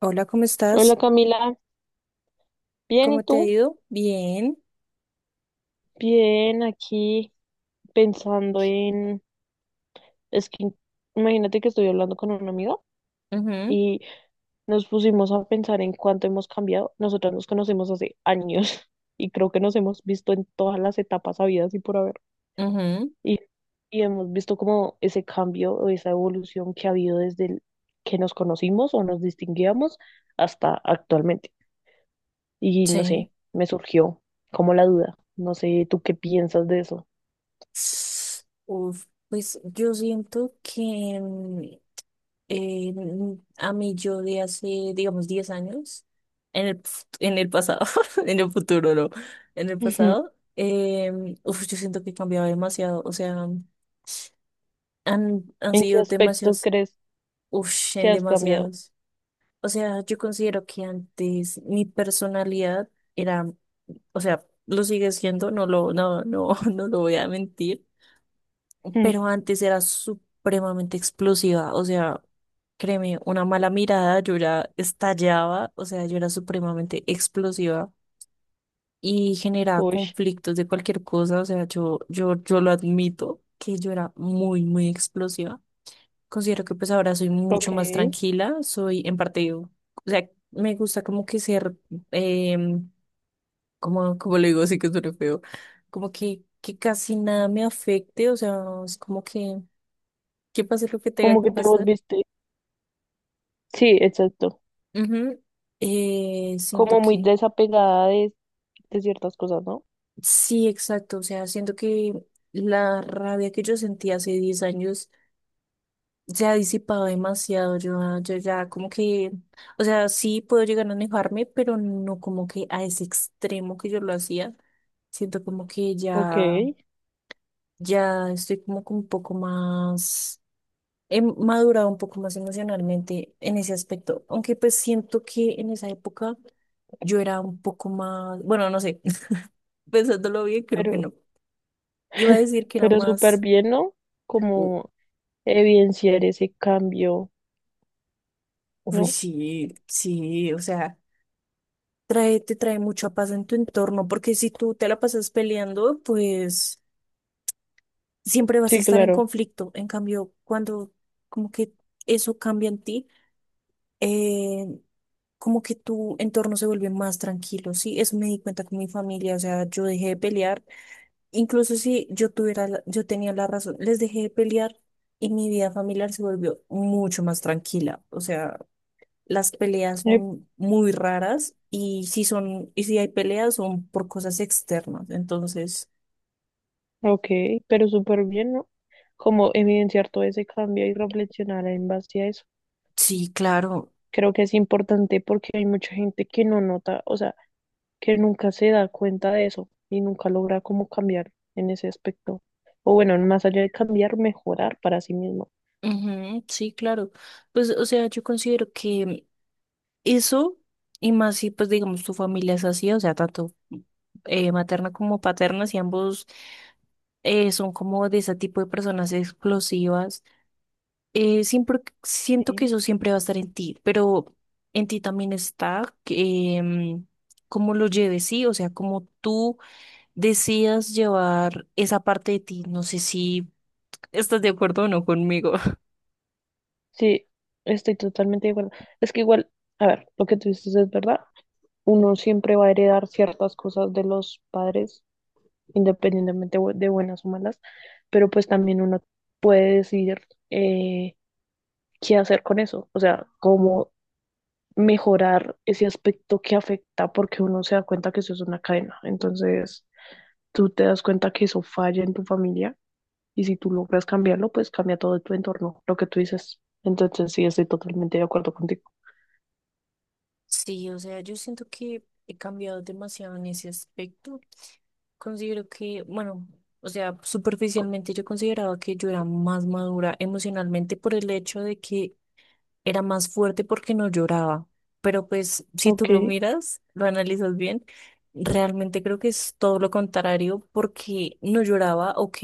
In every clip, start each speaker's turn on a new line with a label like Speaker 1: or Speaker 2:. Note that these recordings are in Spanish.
Speaker 1: Hola, ¿cómo estás?
Speaker 2: Hola Camila, bien, ¿y
Speaker 1: ¿Cómo te ha
Speaker 2: tú?
Speaker 1: ido? Bien.
Speaker 2: Bien, aquí pensando en... Es que imagínate que estoy hablando con un amigo
Speaker 1: Ujú,
Speaker 2: y nos pusimos a pensar en cuánto hemos cambiado. Nosotras nos conocemos hace años y creo que nos hemos visto en todas las etapas habidas y por haber.
Speaker 1: ujú,
Speaker 2: Y, y hemos visto como ese cambio o esa evolución que ha habido desde el que nos conocimos o nos distinguíamos hasta actualmente. Y no
Speaker 1: sí.
Speaker 2: sé, me surgió como la duda. No sé, ¿tú qué piensas de eso?
Speaker 1: Uf, pues yo siento que a mí yo de hace, digamos, 10 años, en el pasado, en el futuro, no, en el
Speaker 2: Ujú.
Speaker 1: pasado, uf, yo siento que he cambiado demasiado, o sea, han
Speaker 2: ¿En qué
Speaker 1: sido
Speaker 2: aspectos
Speaker 1: demasiados,
Speaker 2: crees
Speaker 1: uf,
Speaker 2: que
Speaker 1: en
Speaker 2: has cambiado?
Speaker 1: demasiados. O sea, yo considero que antes mi personalidad era, o sea, lo sigue siendo, no lo, no, no, no lo voy a mentir,
Speaker 2: Ujú.
Speaker 1: pero antes era supremamente explosiva, o sea, créeme, una mala mirada, yo ya estallaba, o sea, yo era supremamente explosiva y generaba
Speaker 2: Uy,
Speaker 1: conflictos de cualquier cosa, o sea, yo lo admito que yo era muy, muy explosiva. Considero que pues ahora soy
Speaker 2: ok.
Speaker 1: mucho más tranquila, soy en parte, o sea, me gusta como que ser, em, como le digo, sí que suena feo, como que casi nada me afecte, o sea, es como que pase lo que tenga
Speaker 2: Como
Speaker 1: que
Speaker 2: que te
Speaker 1: pasar.
Speaker 2: volviste. Sí, exacto.
Speaker 1: Ujú. Siento
Speaker 2: Como muy
Speaker 1: que,
Speaker 2: desapegada de ciertas cosas, ¿no?
Speaker 1: sí, exacto, o sea, siento que la rabia que yo sentí hace 10 años se ha disipado demasiado. Yo ya como que, o sea, sí puedo llegar a enojarme, pero no como que a ese extremo que yo lo hacía. Siento como que
Speaker 2: Ok.
Speaker 1: ya estoy como que un poco más, he madurado un poco más emocionalmente en ese aspecto. Aunque pues siento que en esa época yo era un poco más, bueno, no sé, pensándolo bien, creo que
Speaker 2: Pero,
Speaker 1: no. Iba a decir que era
Speaker 2: pero súper
Speaker 1: más,
Speaker 2: bien, ¿no?
Speaker 1: u-
Speaker 2: Como evidenciar ese cambio,
Speaker 1: uy,
Speaker 2: ¿no?
Speaker 1: sí, sí, o sea. Te trae mucha paz en tu entorno, porque si tú te la pasas peleando, pues siempre vas a
Speaker 2: Sí,
Speaker 1: estar en
Speaker 2: claro.
Speaker 1: conflicto. En cambio, cuando como que eso cambia en ti, eh, como que tu entorno se vuelve más tranquilo, ¿sí? Eso me di cuenta con mi familia, o sea, yo dejé de pelear, incluso si yo tuviera, yo tenía la razón, les dejé de pelear y mi vida familiar se volvió mucho más tranquila, o sea. Las peleas
Speaker 2: Eh,
Speaker 1: son muy raras y si hay peleas son por cosas externas. Entonces.
Speaker 2: Ok, pero súper bien, ¿no? Como evidenciar todo ese cambio y reflexionar en base a eso.
Speaker 1: Sí, claro.
Speaker 2: Creo que es importante porque hay mucha gente que no nota, o sea, que nunca se da cuenta de eso y nunca logra como cambiar en ese aspecto. O bueno, más allá de cambiar, mejorar para sí mismo.
Speaker 1: Ujú, sí, claro. Pues, o sea, yo considero que eso, y más si, pues, digamos, tu familia es así, o sea, tanto materna como paterna, si ambos son como de ese tipo de personas explosivas, siempre siento que
Speaker 2: Sí,
Speaker 1: eso siempre va a estar en ti, pero en ti también está que, cómo lo lleves, sí, o sea, cómo tú decidas llevar esa parte de ti. No sé si estás de acuerdo o no conmigo.
Speaker 2: sí, estoy totalmente de acuerdo. Es que igual, a ver, lo que tú dices es verdad. Uno siempre va a heredar ciertas cosas de los padres, independientemente de buenas o malas, pero pues también uno puede decidir eh, qué hacer con eso, o sea, cómo mejorar ese aspecto que afecta porque uno se da cuenta que eso es una cadena. Entonces, tú te das cuenta que eso falla en tu familia y si tú logras cambiarlo, pues cambia todo tu entorno, lo que tú dices. Entonces, sí, estoy totalmente de acuerdo contigo.
Speaker 1: Sí, o sea, yo siento que he cambiado demasiado en ese aspecto. Considero que, bueno, o sea, superficialmente yo consideraba que yo era más madura emocionalmente por el hecho de que era más fuerte porque no lloraba. Pero pues si tú
Speaker 2: Ok,
Speaker 1: lo miras, lo analizas bien, realmente creo que es todo lo contrario porque no lloraba, ok,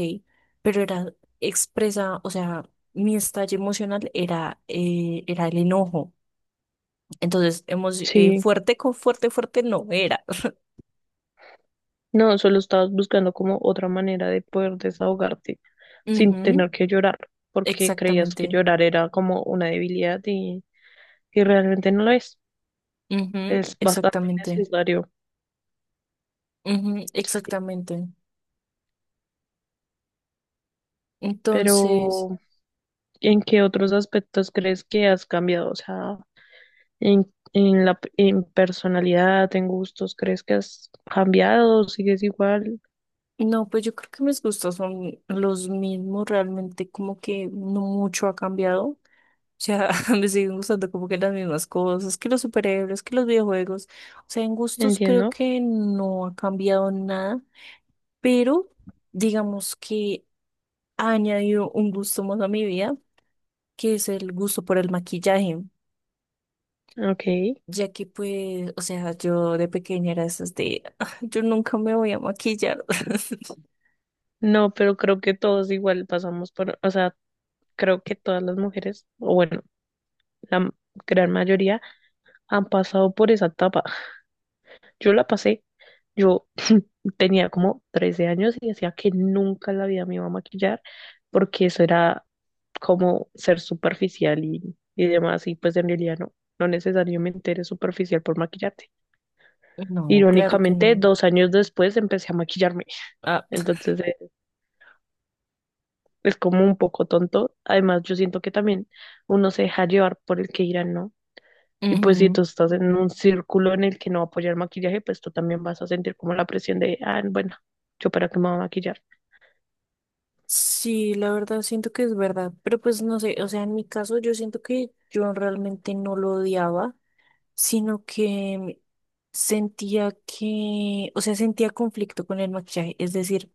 Speaker 1: pero era expresa, o sea, mi estallido emocional era el enojo. Entonces,
Speaker 2: sí.
Speaker 1: fuerte con fuerte, fuerte no era.
Speaker 2: No, solo estabas buscando como otra manera de poder desahogarte sin
Speaker 1: Ujú,
Speaker 2: tener que llorar, porque creías que
Speaker 1: exactamente.
Speaker 2: llorar era como una debilidad y realmente no lo es.
Speaker 1: Ujú,
Speaker 2: Es bastante
Speaker 1: exactamente.
Speaker 2: necesario.
Speaker 1: Ujú,
Speaker 2: Sí.
Speaker 1: exactamente. Entonces.
Speaker 2: Pero, ¿en qué otros aspectos crees que has cambiado? O sea, en personalidad, en gustos, ¿crees que has cambiado? ¿Sigues igual?
Speaker 1: No, pues yo creo que mis gustos son los mismos, realmente como que no mucho ha cambiado. O sea, me siguen gustando como que las mismas cosas, que los superhéroes, que los videojuegos. O sea, en gustos creo
Speaker 2: Entiendo.
Speaker 1: que no ha cambiado nada, pero digamos que ha añadido un gusto más a mi vida, que es el gusto por el maquillaje.
Speaker 2: Ok.
Speaker 1: Ya que pues, o sea, yo de pequeña era esas de, "Ah, yo nunca me voy a maquillar".
Speaker 2: No, pero creo que todos igual pasamos por, o sea, creo que todas las mujeres, o bueno, la gran mayoría han pasado por esa etapa. Yo la pasé, yo tenía como 13 años y decía que nunca en la vida me iba a maquillar porque eso era como ser superficial y demás y pues en realidad no, no necesariamente eres superficial por maquillarte.
Speaker 1: No, claro que
Speaker 2: Irónicamente,
Speaker 1: no.
Speaker 2: 2 años después empecé a maquillarme,
Speaker 1: Ah,
Speaker 2: entonces es como un poco tonto. Además, yo siento que también uno se deja llevar por el que dirán, ¿no? Y pues si
Speaker 1: ujú.
Speaker 2: tú estás en un círculo en el que no va a apoyar el maquillaje, pues tú también vas a sentir como la presión de, ah, bueno, yo para qué me voy a maquillar.
Speaker 1: Sí, la verdad siento que es verdad, pero pues no sé, o sea, en mi caso yo siento que yo realmente no lo odiaba, sino que sentía que, o sea, sentía conflicto con el maquillaje, es decir,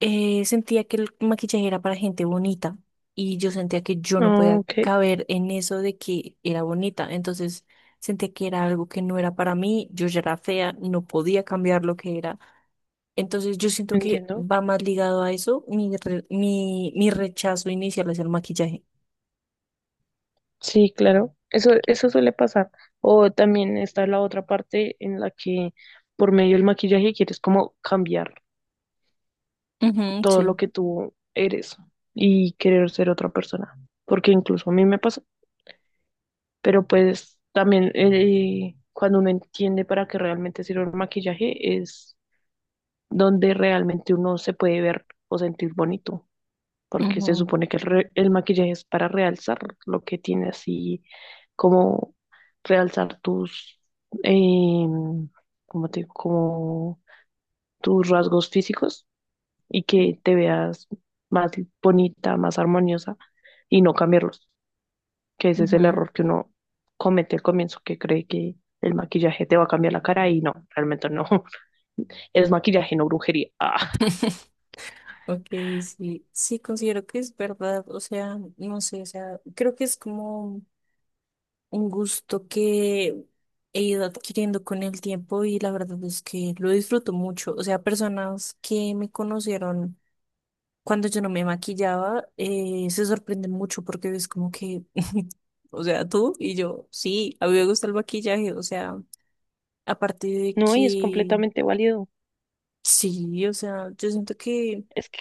Speaker 1: sentía que el maquillaje era para gente bonita y yo sentía que yo no podía
Speaker 2: Ok,
Speaker 1: caber en eso de que era bonita, entonces sentía que era algo que no era para mí, yo ya era fea, no podía cambiar lo que era, entonces yo siento que
Speaker 2: entiendo.
Speaker 1: va más ligado a eso mi rechazo inicial hacia el maquillaje.
Speaker 2: Sí, claro. Eso suele pasar. O también está la otra parte en la que por medio del maquillaje quieres como cambiar
Speaker 1: Ujú,
Speaker 2: todo lo
Speaker 1: sí.
Speaker 2: que tú eres y querer ser otra persona. Porque incluso a mí me pasa. Pero pues también cuando uno entiende para qué realmente sirve el maquillaje es donde realmente uno se puede ver o sentir bonito, porque se
Speaker 1: Ujú,
Speaker 2: supone que el maquillaje es para realzar lo que tienes así, como realzar tus, em, ¿cómo te digo? Como tus rasgos físicos y que te veas más bonita, más armoniosa y no cambiarlos, que ese es el
Speaker 1: ujú.
Speaker 2: error que uno comete al comienzo, que cree que el maquillaje te va a cambiar la cara y no, realmente no. Es maquillaje, no brujería.
Speaker 1: Ok, sí, sí, considero que es verdad, o sea, no sé, o sea, creo que es como un gusto que he ido adquiriendo con el tiempo y la verdad es que lo disfruto mucho, o sea, personas que me conocieron cuando yo no me maquillaba se sorprenden mucho porque es como que, o sea, tú y yo, sí, a mí me gusta el maquillaje, o sea, aparte de
Speaker 2: No, y es
Speaker 1: que,
Speaker 2: completamente válido.
Speaker 1: sí, o sea, yo siento que.
Speaker 2: Es que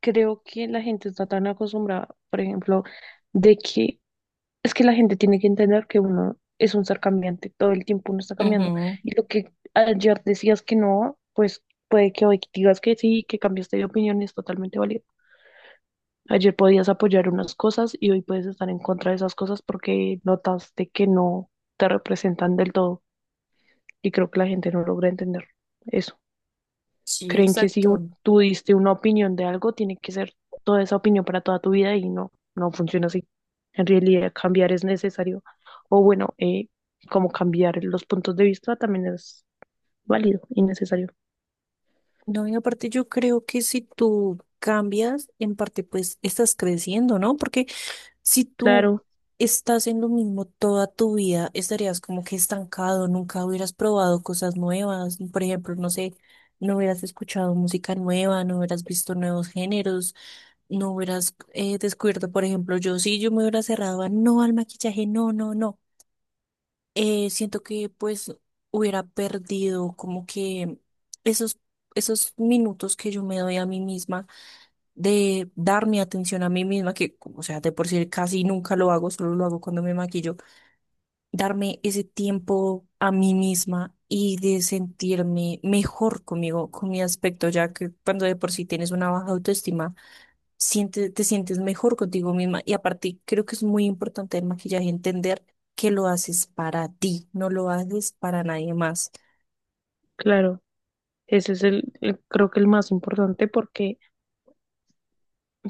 Speaker 2: creo que la gente está tan acostumbrada, por ejemplo, de que es que la gente tiene que entender que uno es un ser cambiante, todo el tiempo uno está cambiando.
Speaker 1: Ujú,
Speaker 2: Y lo que ayer decías que no, pues puede que hoy digas que sí, que cambiaste de opinión, es totalmente válido. Ayer podías apoyar unas cosas y hoy puedes estar en contra de esas cosas porque notaste que no te representan del todo. Y creo que la gente no logra entender eso.
Speaker 1: sí,
Speaker 2: Creen que si
Speaker 1: exacto.
Speaker 2: tú diste una opinión de algo, tiene que ser toda esa opinión para toda tu vida y no, no funciona así. En realidad, cambiar es necesario. O bueno, como cambiar los puntos de vista también es válido y necesario.
Speaker 1: No, y aparte yo creo que si tú cambias, en parte pues estás creciendo, ¿no? Porque si tú
Speaker 2: Claro,
Speaker 1: estás en lo mismo toda tu vida, estarías como que estancado, nunca hubieras probado cosas nuevas, por ejemplo, no sé, no hubieras escuchado música nueva, no hubieras visto nuevos géneros, no hubieras descubierto, por ejemplo, yo sí, yo me hubiera cerrado a no al maquillaje, no, no, no siento que pues hubiera perdido como que esos, esos minutos que yo me doy a mí misma de dar mi atención a mí misma, que o sea, de por sí casi nunca lo hago, solo lo hago cuando me maquillo, darme ese tiempo a mí misma y de sentirme mejor conmigo, con mi aspecto, ya que cuando de por sí tienes una baja autoestima, te sientes mejor contigo misma. Y aparte, creo que es muy importante el maquillaje entender que lo haces para ti, no lo haces para nadie más.
Speaker 2: claro. Ese es el creo que el más importante porque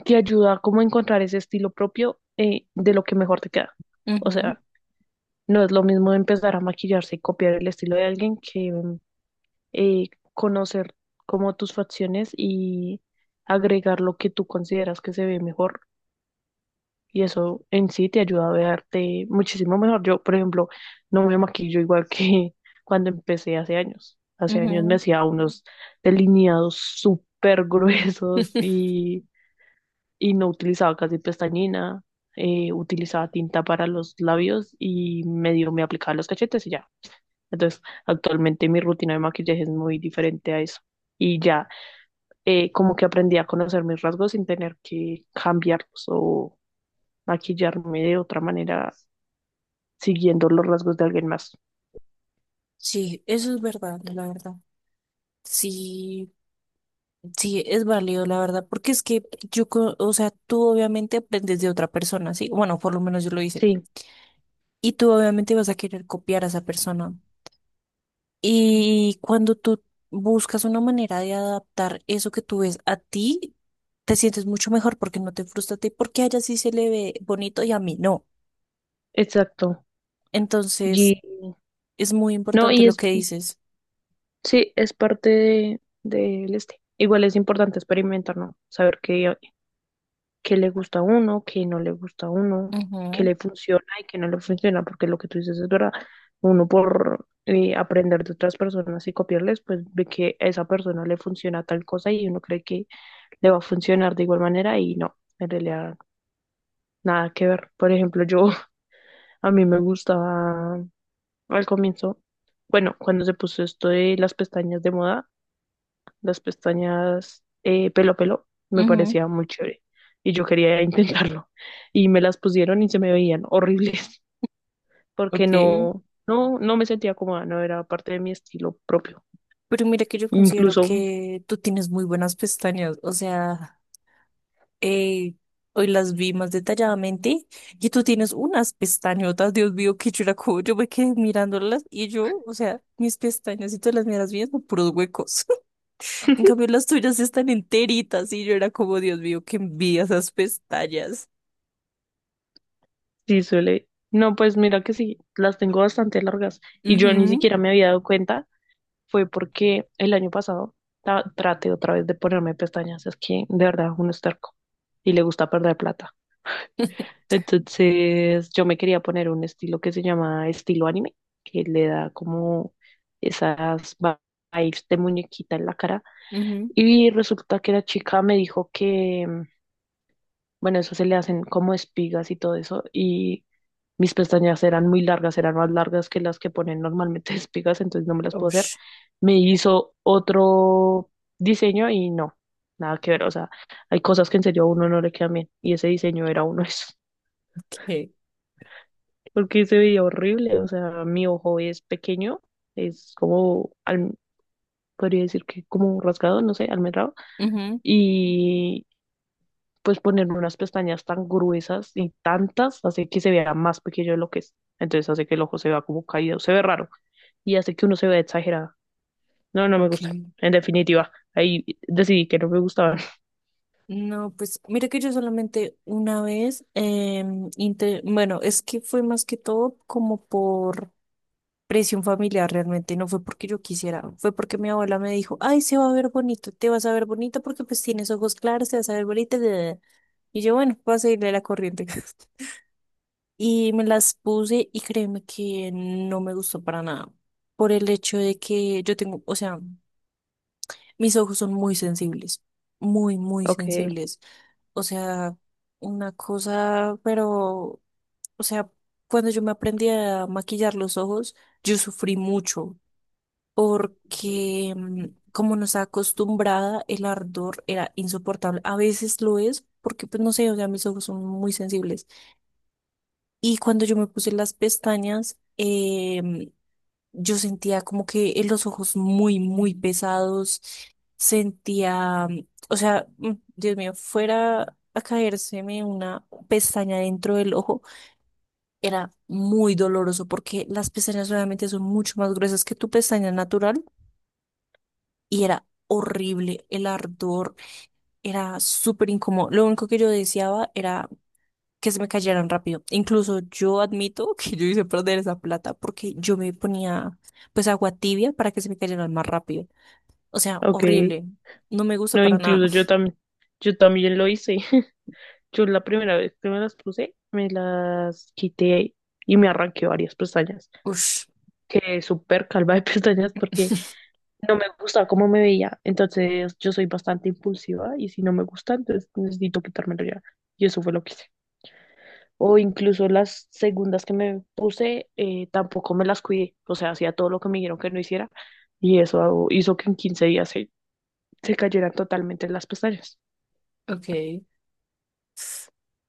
Speaker 2: te ayuda como a encontrar ese estilo propio de lo que mejor te queda. O sea, no es lo mismo empezar a maquillarse y copiar el estilo de alguien que conocer como tus facciones y agregar lo que tú consideras que se ve mejor. Y eso en sí te ayuda a verte muchísimo mejor. Yo, por ejemplo, no me maquillo igual que cuando empecé hace años.
Speaker 1: Ujú,
Speaker 2: Hace años
Speaker 1: ujú.
Speaker 2: me hacía unos delineados súper gruesos y no utilizaba casi pestañina. Utilizaba tinta para los labios y medio me aplicaba los cachetes y ya. Entonces, actualmente mi rutina de maquillaje es muy diferente a eso y ya como que aprendí a conocer mis rasgos sin tener que cambiarlos o maquillarme de otra manera siguiendo los rasgos de alguien más.
Speaker 1: Sí, eso es verdad, la verdad. Sí, sí, es válido, la verdad, porque es que yo, o sea, tú obviamente aprendes de otra persona, ¿sí? Bueno, por lo menos yo lo hice.
Speaker 2: Sí,
Speaker 1: Y tú obviamente vas a querer copiar a esa persona. Y cuando tú buscas una manera de adaptar eso que tú ves a ti, te sientes mucho mejor porque no te frustra a ti, porque a ella sí se le ve bonito y a mí no.
Speaker 2: exacto.
Speaker 1: Entonces,
Speaker 2: Y
Speaker 1: es muy
Speaker 2: no,
Speaker 1: importante
Speaker 2: y
Speaker 1: lo
Speaker 2: es,
Speaker 1: que dices.
Speaker 2: sí, es parte de, del este. Igual es importante experimentar, ¿no? Saber qué, qué le gusta a uno, qué no le gusta a uno, qué
Speaker 1: Ujú,
Speaker 2: le funciona y qué no le funciona, porque lo que tú dices es verdad. Uno por aprender de otras personas y copiarles, pues ve que a esa persona le funciona tal cosa y uno cree que le va a funcionar de igual manera y no, en realidad nada que ver. Por ejemplo, yo a mí me gustaba al comienzo, bueno, cuando se puso esto de las pestañas de moda, las pestañas pelo a pelo, me
Speaker 1: ujú,
Speaker 2: parecía muy chévere y yo quería intentarlo y me las pusieron y se me veían horribles porque
Speaker 1: ok.
Speaker 2: no, no, no me sentía cómoda, no era parte de mi estilo propio.
Speaker 1: Pero mira que yo considero
Speaker 2: Incluso
Speaker 1: que tú tienes muy buenas pestañas, o sea. Eh, Hoy las vi más detalladamente y tú tienes unas pestañotas, Dios mío, qué churaco. Yo me quedé mirándolas y yo, o sea, mis pestañas y tú las miras bien son puros huecos. En cambio, las tuyas están enteritas y yo era como, Dios mío, qué envidia esas pestañas.
Speaker 2: Sí, suele. No, pues mira que sí, las tengo bastante largas y yo ni
Speaker 1: Mhm.
Speaker 2: siquiera me había dado cuenta fue porque el año pasado traté otra vez de ponerme pestañas. Es que de verdad uno es terco y le gusta perder plata. Entonces yo me quería poner un estilo que se llama estilo anime, que le da como esas vibes de muñequita en la cara.
Speaker 1: Ujú.
Speaker 2: Y resulta que la chica me dijo que, bueno, eso se le hacen como espigas y todo eso. Y mis pestañas eran muy largas, eran más largas que las que ponen normalmente espigas, entonces no me las puedo hacer.
Speaker 1: Ush,
Speaker 2: Me hizo otro diseño y no, nada que ver. O sea, hay cosas que en serio a uno no le quedan bien. Y ese diseño era uno de esos.
Speaker 1: ok.
Speaker 2: Porque se veía horrible. O sea, mi ojo es pequeño, es como, podría decir que como rasgado, no sé, almendrado.
Speaker 1: Ujú,
Speaker 2: Y pues ponerme unas pestañas tan gruesas y tantas hace que se vea más pequeño de lo que es. Entonces hace que el ojo se vea como caído, se ve raro y hace que uno se vea exagerado. No, no me gusta.
Speaker 1: ok.
Speaker 2: En definitiva, ahí decidí que no me gustaban.
Speaker 1: No, pues mira que yo solamente una vez, bueno, es que fue más que todo como por presión familiar, realmente no fue porque yo quisiera, fue porque mi abuela me dijo, "Ay, se va a ver bonito, te vas a ver bonito porque pues tienes ojos claros, te vas a ver bonita, da, da, da". Y yo, bueno, voy a seguirle la corriente. Y me las puse y créeme que no me gustó para nada. Por el hecho de que yo tengo, o sea, mis ojos son muy sensibles, muy, muy
Speaker 2: Ok.
Speaker 1: sensibles. O sea, una cosa, pero, o sea, cuando yo me aprendí a maquillar los ojos, yo sufrí mucho porque como nos ha acostumbrada, el ardor era insoportable. A veces lo es, porque pues no sé, o sea, mis ojos son muy sensibles. Y cuando yo me puse las pestañas, yo sentía como que en los ojos muy, muy pesados, sentía, o sea, Dios mío, fuera a caérseme una pestaña dentro del ojo, era muy doloroso porque las pestañas realmente son mucho más gruesas que tu pestaña natural y era horrible, el ardor era súper incómodo. Lo único que yo deseaba era que se me cayeran rápido. Incluso yo admito que yo hice perder esa plata porque yo me ponía pues agua tibia para que se me cayeran más rápido. O sea,
Speaker 2: Ok.
Speaker 1: horrible. No me gusta
Speaker 2: No,
Speaker 1: para nada.
Speaker 2: incluso yo también lo hice. Yo la primera vez que me las puse, me las quité y me arranqué varias pestañas.
Speaker 1: Ush.
Speaker 2: Quedé súper calva de pestañas porque no me gustaba cómo me veía. Entonces yo soy bastante impulsiva y si no me gusta, entonces necesito quitármelo ya. Y eso fue lo que hice. O incluso las segundas que me puse, tampoco me las cuidé. O sea, hacía todo lo que me dijeron que no hiciera y eso hizo que en 15 días se cayeran totalmente las pestañas.
Speaker 1: Ok.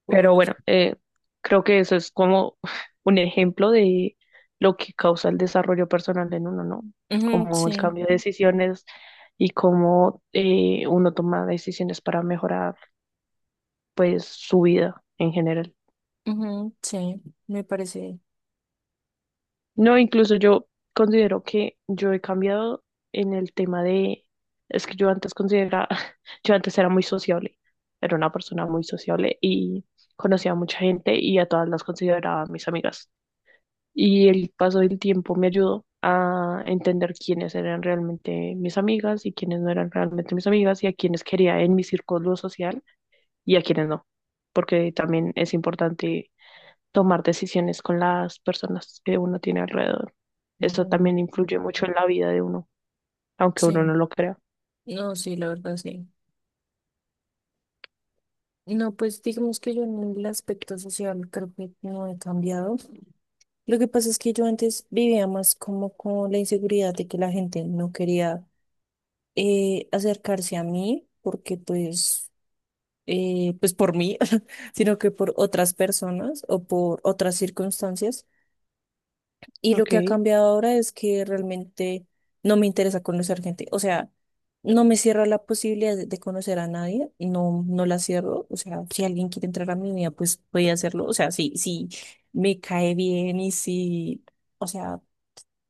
Speaker 2: Pero
Speaker 1: Uy.
Speaker 2: bueno, creo que eso es como un ejemplo de lo que causa el desarrollo personal en uno, ¿no?
Speaker 1: Ujú,
Speaker 2: Como el
Speaker 1: sí.
Speaker 2: cambio de decisiones y cómo uno toma decisiones para mejorar, pues, su vida en general.
Speaker 1: Ujú, sí. Me parece.
Speaker 2: No, incluso yo considero que yo he cambiado en el tema de, es que yo antes consideraba, yo antes era muy sociable, era una persona muy sociable y conocía a mucha gente y a todas las consideraba mis amigas. Y el paso del tiempo me ayudó a entender quiénes eran realmente mis amigas y quiénes no eran realmente mis amigas y a quiénes quería en mi círculo social y a quiénes no, porque también es importante tomar decisiones con las personas que uno tiene alrededor. Eso
Speaker 1: Ujú,
Speaker 2: también influye mucho en la vida de uno, aunque
Speaker 1: sí.
Speaker 2: uno no lo crea.
Speaker 1: No, sí, la verdad, sí. No, pues digamos que yo en el aspecto social creo que no he cambiado. Lo que pasa es que yo antes vivía más como con la inseguridad de que la gente no quería acercarse a mí porque pues, pues por mí, sino que por otras personas o por otras circunstancias. Y lo
Speaker 2: Ok,
Speaker 1: que ha cambiado ahora es que realmente no me interesa conocer gente. O sea, no me cierro a la posibilidad de conocer a nadie, no, no la cierro. O sea, si alguien quiere entrar a mi vida, pues voy a hacerlo. O sea, si me cae bien y si, o sea,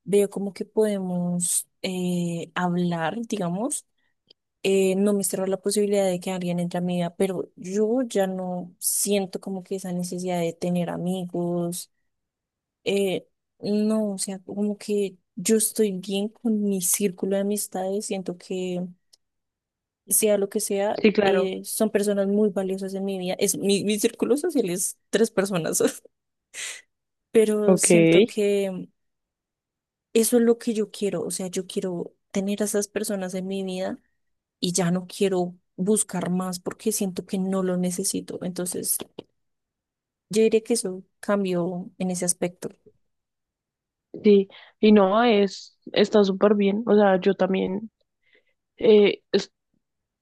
Speaker 1: veo como que podemos hablar, digamos. No me cierro a la posibilidad de que alguien entre a mi vida, pero yo ya no siento como que esa necesidad de tener amigos, eh, no, o sea, como que yo estoy bien con mi círculo de amistades, siento que sea lo que sea,
Speaker 2: sí, claro.
Speaker 1: son personas muy valiosas en mi vida. Es, mi círculo social es tres personas, pero
Speaker 2: Ok,
Speaker 1: siento que eso es lo que yo quiero, o sea, yo quiero tener a esas personas en mi vida y ya no quiero buscar más porque siento que no lo necesito. Entonces, yo diría que eso cambió en ese aspecto.
Speaker 2: sí. Y no, es, está súper bien. O sea, yo también eh es-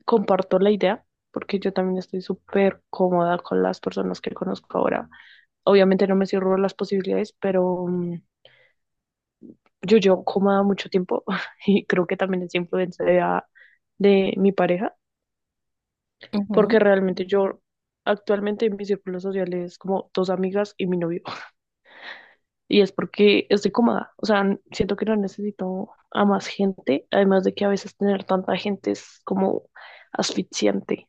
Speaker 2: comparto la idea porque yo también estoy súper cómoda con las personas que conozco ahora. Obviamente no me cierro las posibilidades, pero yo cómoda mucho tiempo y creo que también es influencia de, de mi pareja, porque realmente yo actualmente en mi círculo social es como dos amigas y mi novio. Y es porque estoy cómoda, o sea, siento que no necesito a más gente, además de que a veces tener tanta gente es como asfixiante.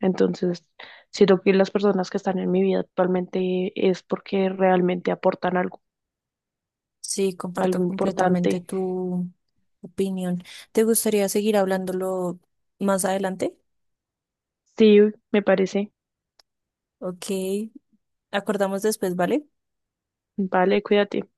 Speaker 2: Entonces, siento que las personas que están en mi vida actualmente es porque realmente aportan algo,
Speaker 1: Sí,
Speaker 2: algo
Speaker 1: comparto completamente
Speaker 2: importante.
Speaker 1: tu opinión. ¿Te gustaría seguir hablándolo más adelante?
Speaker 2: Sí, me parece.
Speaker 1: Ok, acordamos después, ¿vale?
Speaker 2: Vale, cuídate.